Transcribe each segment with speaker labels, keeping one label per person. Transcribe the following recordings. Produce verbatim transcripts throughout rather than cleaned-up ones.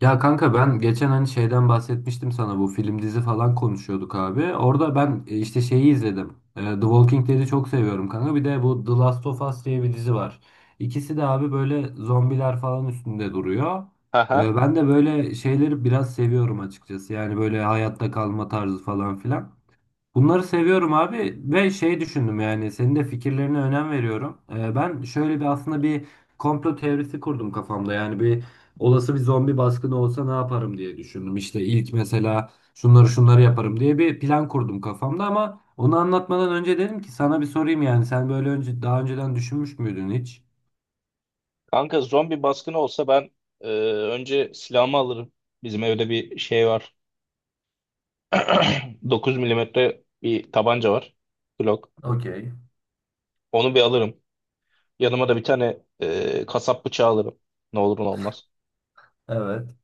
Speaker 1: Ya kanka ben geçen hani şeyden bahsetmiştim sana bu film dizi falan konuşuyorduk abi. Orada ben e, işte şeyi izledim. E, The Walking Dead'i çok seviyorum kanka. Bir de bu The Last of Us diye bir dizi var. İkisi de abi böyle zombiler falan üstünde duruyor.
Speaker 2: Haha.
Speaker 1: E, Ben de böyle şeyleri biraz seviyorum açıkçası. Yani böyle hayatta kalma tarzı falan filan. Bunları seviyorum abi ve şey düşündüm yani senin de fikirlerine önem veriyorum. Ee, ben şöyle bir aslında bir komplo teorisi kurdum kafamda. Yani bir olası bir zombi baskını olsa ne yaparım diye düşündüm. İşte ilk mesela şunları şunları yaparım diye bir plan kurdum kafamda ama onu anlatmadan önce dedim ki sana bir sorayım yani sen böyle önce daha önceden düşünmüş müydün hiç?
Speaker 2: Kanka zombi baskını olsa ben e, önce silahımı alırım. Bizim evde bir şey var. dokuz milimetre bir tabanca var. Glock.
Speaker 1: Okey.
Speaker 2: Onu bir alırım. Yanıma da bir tane e, kasap bıçağı alırım. Ne olur ne olmaz.
Speaker 1: Evet.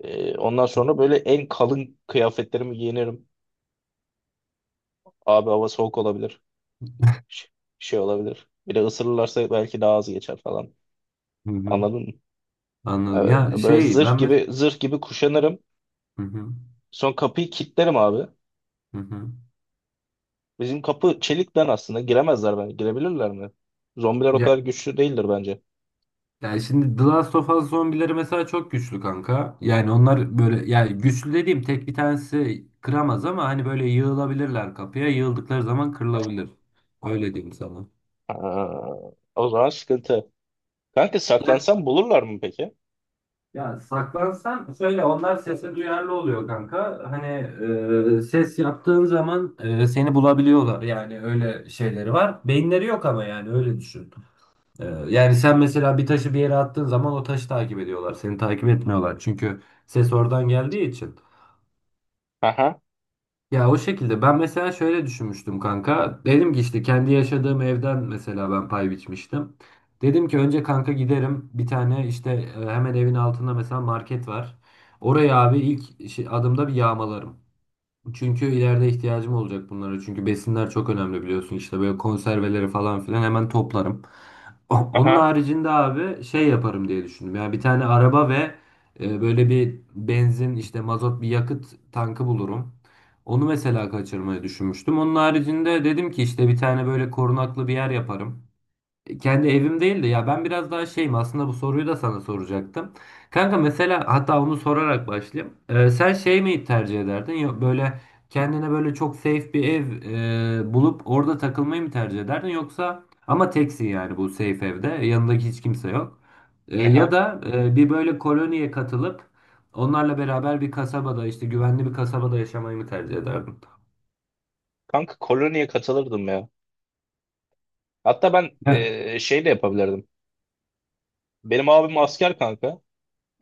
Speaker 2: E, ondan sonra böyle en kalın kıyafetlerimi giyinirim. Abi hava soğuk olabilir. Ş- Şey olabilir. Bir de ısırırlarsa belki daha az geçer falan.
Speaker 1: Hı hı.
Speaker 2: Anladın mı?
Speaker 1: Anladım. Ya
Speaker 2: E, böyle
Speaker 1: şey ben
Speaker 2: zırh
Speaker 1: mes-
Speaker 2: gibi zırh gibi kuşanırım.
Speaker 1: hı hı.
Speaker 2: Son kapıyı kilitlerim abi.
Speaker 1: Hı hı.
Speaker 2: Bizim kapı çelikten, aslında giremezler bence. Girebilirler mi? Zombiler o kadar güçlü değildir bence.
Speaker 1: Yani şimdi The Last of Us zombileri mesela çok güçlü kanka. Yani onlar böyle yani güçlü dediğim tek bir tanesi kıramaz ama hani böyle yığılabilirler kapıya. Yığıldıkları zaman kırılabilir. Öyle diyeyim sana.
Speaker 2: Ha, o zaman sıkıntı. Kanka
Speaker 1: Ya,
Speaker 2: saklansam bulurlar mı peki?
Speaker 1: ya saklansan şöyle onlar sese duyarlı oluyor kanka. Hani e, ses yaptığın zaman e, seni bulabiliyorlar. Yani öyle şeyleri var. Beyinleri yok ama yani öyle düşün. E, yani sen mesela bir taşı bir yere attığın zaman o taşı takip ediyorlar. Seni takip etmiyorlar. Çünkü ses oradan geldiği için.
Speaker 2: Aha,
Speaker 1: Ya o şekilde ben mesela şöyle düşünmüştüm kanka. Dedim ki işte kendi yaşadığım evden mesela ben pay biçmiştim. Dedim ki önce kanka giderim bir tane işte e, hemen evin altında mesela market var. Oraya abi ilk şey- adımda bir yağmalarım. Çünkü ileride ihtiyacım olacak bunlara. Çünkü besinler çok önemli biliyorsun. İşte böyle konserveleri falan filan hemen toplarım. O- Onun
Speaker 2: aha,
Speaker 1: haricinde abi şey yaparım diye düşündüm. Yani bir tane araba ve e, böyle bir benzin işte mazot bir yakıt tankı bulurum. Onu mesela kaçırmayı düşünmüştüm. Onun haricinde dedim ki işte bir tane böyle korunaklı bir yer yaparım. Kendi evim değil de ya ben biraz daha şeyim aslında bu soruyu da sana soracaktım. Kanka mesela hatta onu sorarak başlayayım. Ee, sen şey mi tercih ederdin yok böyle kendine böyle çok safe bir ev e, bulup orada takılmayı mı tercih ederdin yoksa ama teksin yani bu safe evde yanındaki hiç kimse yok. Ee, ya
Speaker 2: aha.
Speaker 1: da e, bir böyle koloniye katılıp onlarla beraber bir kasabada işte güvenli bir kasabada yaşamayı mı tercih ederdin?
Speaker 2: Kanka koloniye katılırdım ya. Hatta ben
Speaker 1: Ya.
Speaker 2: e, şey de yapabilirdim. Benim abim asker kanka.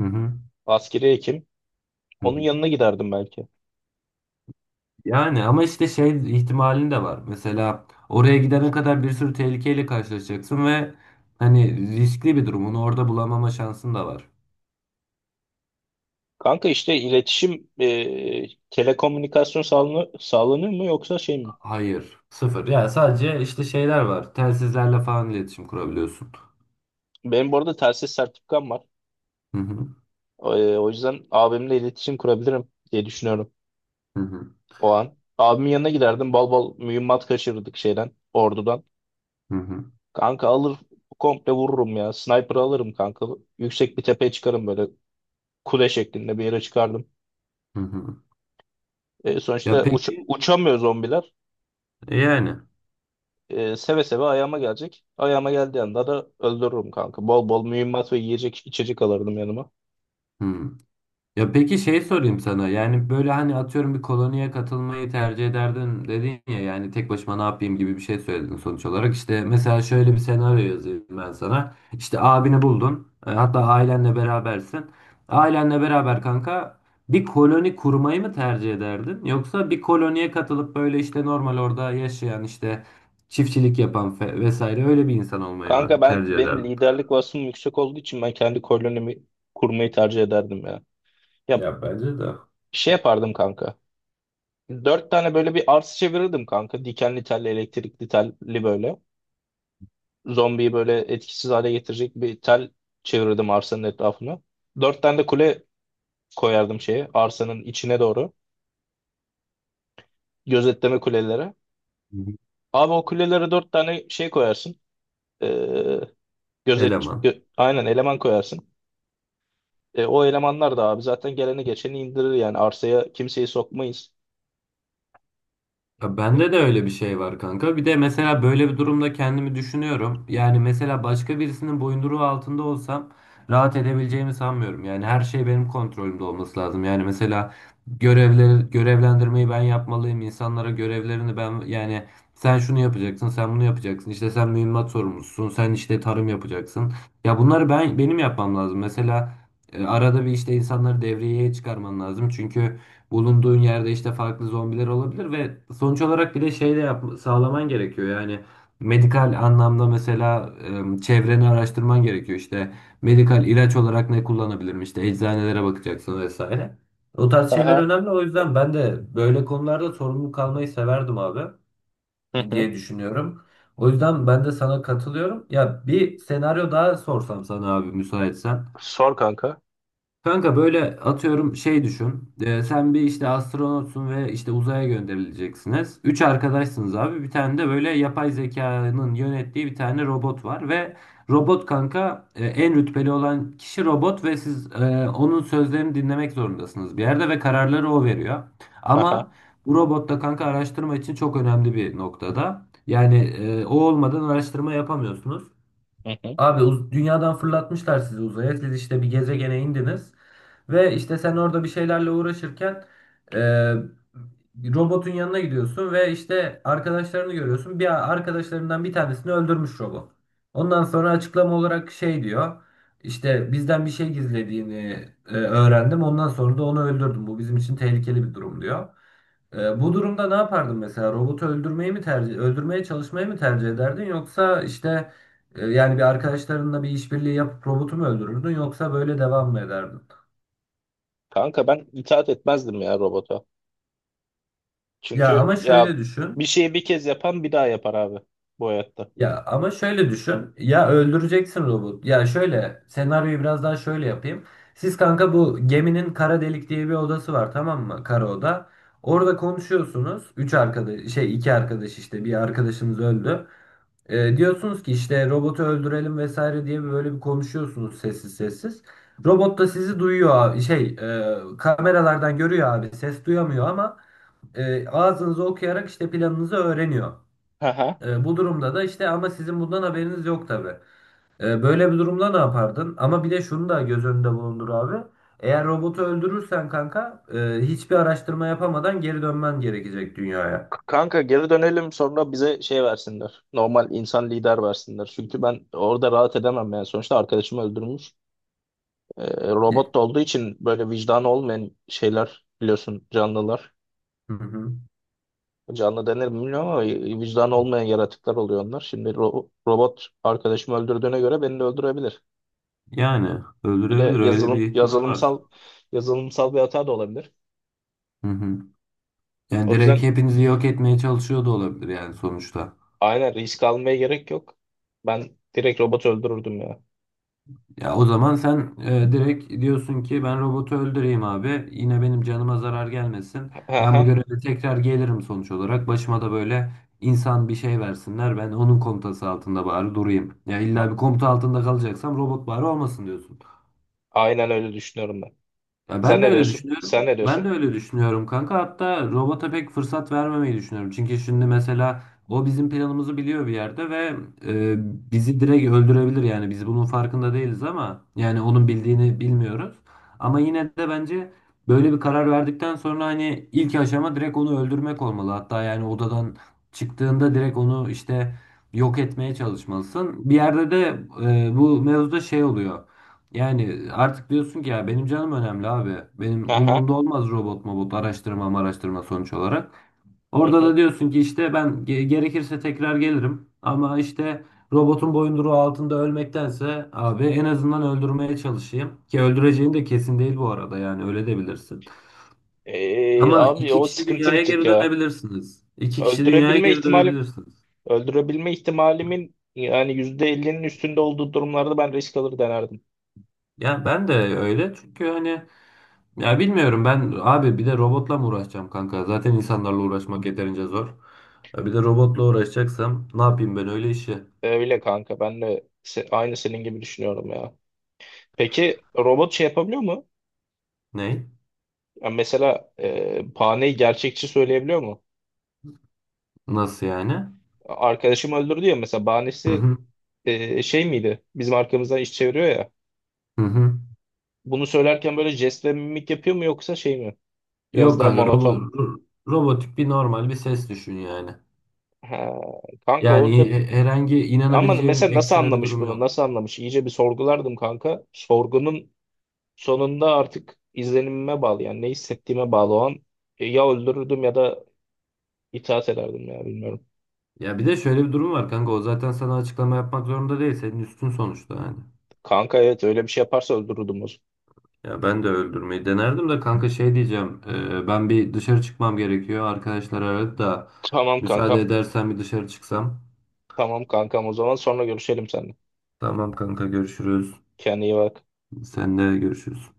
Speaker 1: Hı hı.
Speaker 2: Askeri hekim.
Speaker 1: Hı
Speaker 2: Onun
Speaker 1: hı.
Speaker 2: yanına giderdim belki.
Speaker 1: Yani ama işte şey ihtimalin de var. Mesela oraya gidene kadar bir sürü tehlikeyle karşılaşacaksın ve hani riskli bir durum. Onu orada bulamama şansın da var.
Speaker 2: Kanka işte iletişim, e, telekomünikasyon sağlanıyor, sağlanıyor mu yoksa şey mi?
Speaker 1: Hayır. Sıfır. Ya sadece işte şeyler var. Telsizlerle falan iletişim kurabiliyorsun.
Speaker 2: Benim bu arada telsiz sertifikam var.
Speaker 1: Hı hı.
Speaker 2: E, o yüzden abimle iletişim kurabilirim diye düşünüyorum
Speaker 1: Hı hı.
Speaker 2: o an. Abimin yanına giderdim. Bal bal mühimmat kaçırırdık şeyden. Ordudan.
Speaker 1: Hı hı.
Speaker 2: Kanka alır komple vururum ya. Sniper alırım kanka. Yüksek bir tepeye çıkarım, böyle kule şeklinde bir yere çıkardım.
Speaker 1: Hı hı.
Speaker 2: E,
Speaker 1: Ya
Speaker 2: sonuçta uç,
Speaker 1: peki
Speaker 2: uçamıyor zombiler.
Speaker 1: e yani.
Speaker 2: E, seve seve ayağıma gelecek. Ayağıma geldiği anda da öldürürüm kanka. Bol bol mühimmat ve yiyecek içecek alırdım yanıma.
Speaker 1: Hı. Ya peki şey sorayım sana. Yani böyle hani atıyorum bir koloniye katılmayı tercih ederdim dedin ya yani tek başıma ne yapayım gibi bir şey söyledin sonuç olarak. İşte mesela şöyle bir senaryo yazayım ben sana. İşte abini buldun. e, Hatta ailenle berabersin. Ailenle beraber kanka bir koloni kurmayı mı tercih ederdin? Yoksa bir koloniye katılıp böyle işte normal orada yaşayan işte çiftçilik yapan fe- vesaire öyle bir insan olmayı
Speaker 2: Kanka
Speaker 1: mı
Speaker 2: ben
Speaker 1: tercih
Speaker 2: benim
Speaker 1: ederdin?
Speaker 2: liderlik vasfım yüksek olduğu için ben kendi kolonimi kurmayı tercih ederdim ya. Ya
Speaker 1: Ya bence de Hı
Speaker 2: şey yapardım kanka. Dört tane böyle bir arsa çevirirdim kanka. Dikenli telli, elektrikli telli böyle. Zombiyi böyle etkisiz hale getirecek bir tel çevirirdim arsanın etrafına. Dört tane de kule koyardım şeye, arsanın içine doğru. Gözetleme kulelere.
Speaker 1: hı.
Speaker 2: Abi o kulelere dört tane şey koyarsın. Ee, gözet,
Speaker 1: Eleman.
Speaker 2: gö- aynen eleman koyarsın. E, o elemanlar da abi zaten geleni geçeni indirir, yani arsaya kimseyi sokmayız.
Speaker 1: Ya bende de
Speaker 2: E,
Speaker 1: öyle bir şey var kanka. Bir de mesela böyle bir durumda kendimi düşünüyorum. Yani mesela başka birisinin boyunduruğu altında olsam rahat edebileceğimi sanmıyorum. Yani her şey benim kontrolümde olması lazım. Yani mesela görevleri, görevlendirmeyi ben yapmalıyım. İnsanlara görevlerini ben yani sen şunu yapacaksın, sen bunu yapacaksın. İşte sen mühimmat sorumlusun, sen işte tarım yapacaksın. Ya bunları ben benim yapmam lazım. Mesela e, arada bir işte insanları devreye çıkarman lazım. Çünkü bulunduğun yerde işte farklı zombiler olabilir ve sonuç olarak bir de şey de yap sağlaman gerekiyor. Yani medikal anlamda mesela e, çevreni araştırman gerekiyor. İşte medikal ilaç olarak ne kullanabilirim? İşte eczanelere bakacaksın vesaire. O tarz şeyler
Speaker 2: Aha.
Speaker 1: önemli. O yüzden ben de böyle konularda sorumlu kalmayı severdim abi
Speaker 2: Hı hı.
Speaker 1: diye düşünüyorum. O yüzden ben de sana katılıyorum. Ya bir senaryo daha sorsam sana abi müsaitsen.
Speaker 2: Sor kanka.
Speaker 1: Kanka böyle atıyorum şey düşün. Ee, sen bir işte astronotsun ve işte uzaya gönderileceksiniz. Üç arkadaşsınız abi. Bir tane de böyle yapay zekanın yönettiği bir tane robot var ve robot kanka e, en rütbeli olan kişi robot ve siz e, onun sözlerini dinlemek zorundasınız bir yerde ve kararları o veriyor.
Speaker 2: Aha.
Speaker 1: Ama bu robot da kanka araştırma için çok önemli bir noktada. Yani e, o olmadan araştırma yapamıyorsunuz.
Speaker 2: Hı hı.
Speaker 1: Abi uz- dünyadan fırlatmışlar sizi uzaya. Siz işte bir gezegene indiniz ve işte sen orada bir şeylerle uğraşırken e, robotun yanına gidiyorsun ve işte arkadaşlarını görüyorsun. Bir arkadaşlarından bir tanesini öldürmüş robot. Ondan sonra açıklama olarak şey diyor. İşte bizden bir şey gizlediğini e, öğrendim. Ondan sonra da onu öldürdüm. Bu bizim için tehlikeli bir durum diyor. Ee, bu durumda ne yapardın mesela? Robotu öldürmeyi mi tercih, öldürmeye çalışmayı mı tercih ederdin yoksa işte e, yani bir arkadaşlarınla bir işbirliği yapıp robotu mu öldürürdün yoksa böyle devam mı ederdin?
Speaker 2: Kanka ben itaat etmezdim ya robota.
Speaker 1: Ya
Speaker 2: Çünkü
Speaker 1: ama
Speaker 2: ya
Speaker 1: şöyle
Speaker 2: bir
Speaker 1: düşün.
Speaker 2: şeyi bir kez yapan bir daha yapar abi bu hayatta.
Speaker 1: Ya ama şöyle düşün. Ya öldüreceksin robot. Ya şöyle senaryoyu biraz daha şöyle yapayım. Siz kanka bu geminin kara delik diye bir odası var tamam mı? Kara oda. Orada konuşuyorsunuz. Üç arkadaş şey iki arkadaş işte bir arkadaşınız öldü. E, diyorsunuz ki işte robotu öldürelim vesaire diye böyle bir konuşuyorsunuz sessiz sessiz. Robot da sizi duyuyor abi. Şey, e, kameralardan görüyor abi. Ses duyamıyor ama e, ağzınızı okuyarak işte planınızı öğreniyor.
Speaker 2: Aha.
Speaker 1: E, bu durumda da işte ama sizin bundan haberiniz yok tabii. E, böyle bir durumda ne yapardın? Ama bir de şunu da göz önünde bulundur abi. Eğer robotu öldürürsen kanka e, hiçbir araştırma yapamadan geri dönmen gerekecek dünyaya.
Speaker 2: K- Kanka geri dönelim, sonra bize şey versinler. Normal insan lider versinler. Çünkü ben orada rahat edemem yani. Sonuçta arkadaşımı öldürmüş. Ee,
Speaker 1: E,
Speaker 2: Robot da olduğu için böyle vicdanı olmayan şeyler biliyorsun, canlılar.
Speaker 1: Hı hı.
Speaker 2: Canlı denir mi bilmiyorum ama vicdanı olmayan yaratıklar oluyor onlar. Şimdi ro- robot arkadaşımı öldürdüğüne göre beni de öldürebilir.
Speaker 1: Yani
Speaker 2: Bir de
Speaker 1: öldürebilir öyle
Speaker 2: yazılım
Speaker 1: bir ihtimal var.
Speaker 2: yazılımsal yazılımsal bir hata da olabilir.
Speaker 1: Hı hı. Yani
Speaker 2: O
Speaker 1: direkt
Speaker 2: yüzden
Speaker 1: hepinizi yok etmeye çalışıyor da olabilir yani sonuçta.
Speaker 2: aynen risk almaya gerek yok. Ben direkt robotu öldürürdüm ya.
Speaker 1: Ya o zaman sen e, direkt diyorsun ki ben robotu öldüreyim abi. Yine benim canıma zarar gelmesin.
Speaker 2: Ha
Speaker 1: Ben
Speaker 2: ha.
Speaker 1: bu göreve tekrar gelirim sonuç olarak. Başıma da böyle insan bir şey versinler. Ben onun komutası altında bari durayım. Ya
Speaker 2: A-
Speaker 1: illa bir komuta altında kalacaksam robot bari olmasın diyorsun.
Speaker 2: Aynen öyle düşünüyorum ben.
Speaker 1: Ya
Speaker 2: Sen
Speaker 1: ben de
Speaker 2: ne
Speaker 1: öyle
Speaker 2: diyorsun? Sen
Speaker 1: düşünüyorum.
Speaker 2: ne
Speaker 1: Ben de
Speaker 2: diyorsun?
Speaker 1: öyle düşünüyorum kanka. Hatta robota pek fırsat vermemeyi düşünüyorum. Çünkü şimdi mesela o bizim planımızı biliyor bir yerde ve e, bizi direkt öldürebilir yani. Biz bunun farkında değiliz ama yani onun bildiğini bilmiyoruz. Ama yine de bence böyle bir karar verdikten sonra hani ilk aşama direkt onu öldürmek olmalı. Hatta yani odadan çıktığında direkt onu işte yok etmeye çalışmalısın. Bir yerde de e, bu mevzuda şey oluyor. Yani artık diyorsun ki ya benim canım önemli abi. Benim
Speaker 2: Ha ha.
Speaker 1: umurumda olmaz robot mobot araştırma araştırma sonuç olarak.
Speaker 2: Hı
Speaker 1: Orada
Speaker 2: hı.
Speaker 1: da diyorsun ki işte ben ge- gerekirse tekrar gelirim. Ama işte robotun boyunduruğu altında ölmektense abi en azından öldürmeye çalışayım. Ki öldüreceğin de kesin değil bu arada yani öyle de bilirsin.
Speaker 2: Ee,
Speaker 1: Ama
Speaker 2: abi
Speaker 1: iki
Speaker 2: o
Speaker 1: kişi
Speaker 2: sıkıntı bir
Speaker 1: dünyaya
Speaker 2: tık
Speaker 1: geri
Speaker 2: ya.
Speaker 1: dönebilirsiniz. İki kişi dünyaya
Speaker 2: Öldürebilme
Speaker 1: geri
Speaker 2: ihtimali
Speaker 1: dönebilirsiniz.
Speaker 2: Öldürebilme ihtimalimin yani yüzde elli'nin üstünde olduğu durumlarda ben risk alır denerdim.
Speaker 1: Ya ben de öyle çünkü hani Ya bilmiyorum ben abi bir de robotla mı uğraşacağım kanka? Zaten insanlarla uğraşmak yeterince zor. Ya Bir de robotla uğraşacaksam ne yapayım ben öyle işi?
Speaker 2: Öyle kanka, ben de se- aynı senin gibi düşünüyorum ya. Peki robot şey yapabiliyor mu?
Speaker 1: Ne?
Speaker 2: Yani mesela e, bahaneyi gerçekçi söyleyebiliyor mu?
Speaker 1: Nasıl yani?
Speaker 2: Arkadaşım öldürdü ya mesela,
Speaker 1: Hı
Speaker 2: bahanesi
Speaker 1: hı.
Speaker 2: e, şey miydi? Bizim arkamızdan iş çeviriyor ya.
Speaker 1: Hı hı.
Speaker 2: Bunu söylerken böyle jest ve mimik yapıyor mu yoksa şey mi? Biraz
Speaker 1: Yok
Speaker 2: daha
Speaker 1: kanka
Speaker 2: monoton
Speaker 1: robo-
Speaker 2: mu?
Speaker 1: ro- robotik bir normal bir ses düşün yani.
Speaker 2: Ha, kanka
Speaker 1: Yani
Speaker 2: orada,
Speaker 1: he- herhangi
Speaker 2: ama
Speaker 1: inanabileceğim
Speaker 2: mesela nasıl
Speaker 1: ekstra bir
Speaker 2: anlamış
Speaker 1: durum
Speaker 2: bunu?
Speaker 1: yok.
Speaker 2: Nasıl anlamış? İyice bir sorgulardım kanka. Sorgunun sonunda artık izlenimime bağlı, yani ne hissettiğime bağlı o an. E, ya öldürürdüm ya da itaat ederdim ya, bilmiyorum.
Speaker 1: Ya bir de şöyle bir durum var kanka o zaten sana açıklama yapmak zorunda değil senin üstün sonuçta yani.
Speaker 2: Kanka evet, öyle bir şey yaparsa öldürürdüm o zaman.
Speaker 1: Ya ben de öldürmeyi denerdim de kanka şey diyeceğim. e, ben bir dışarı çıkmam gerekiyor. Arkadaşlar aradı da
Speaker 2: Tamam
Speaker 1: müsaade
Speaker 2: kankam.
Speaker 1: edersen bir dışarı çıksam.
Speaker 2: Tamam kankam, o zaman sonra görüşelim seninle.
Speaker 1: Tamam kanka görüşürüz.
Speaker 2: Kendine iyi bak.
Speaker 1: Sen de görüşürüz.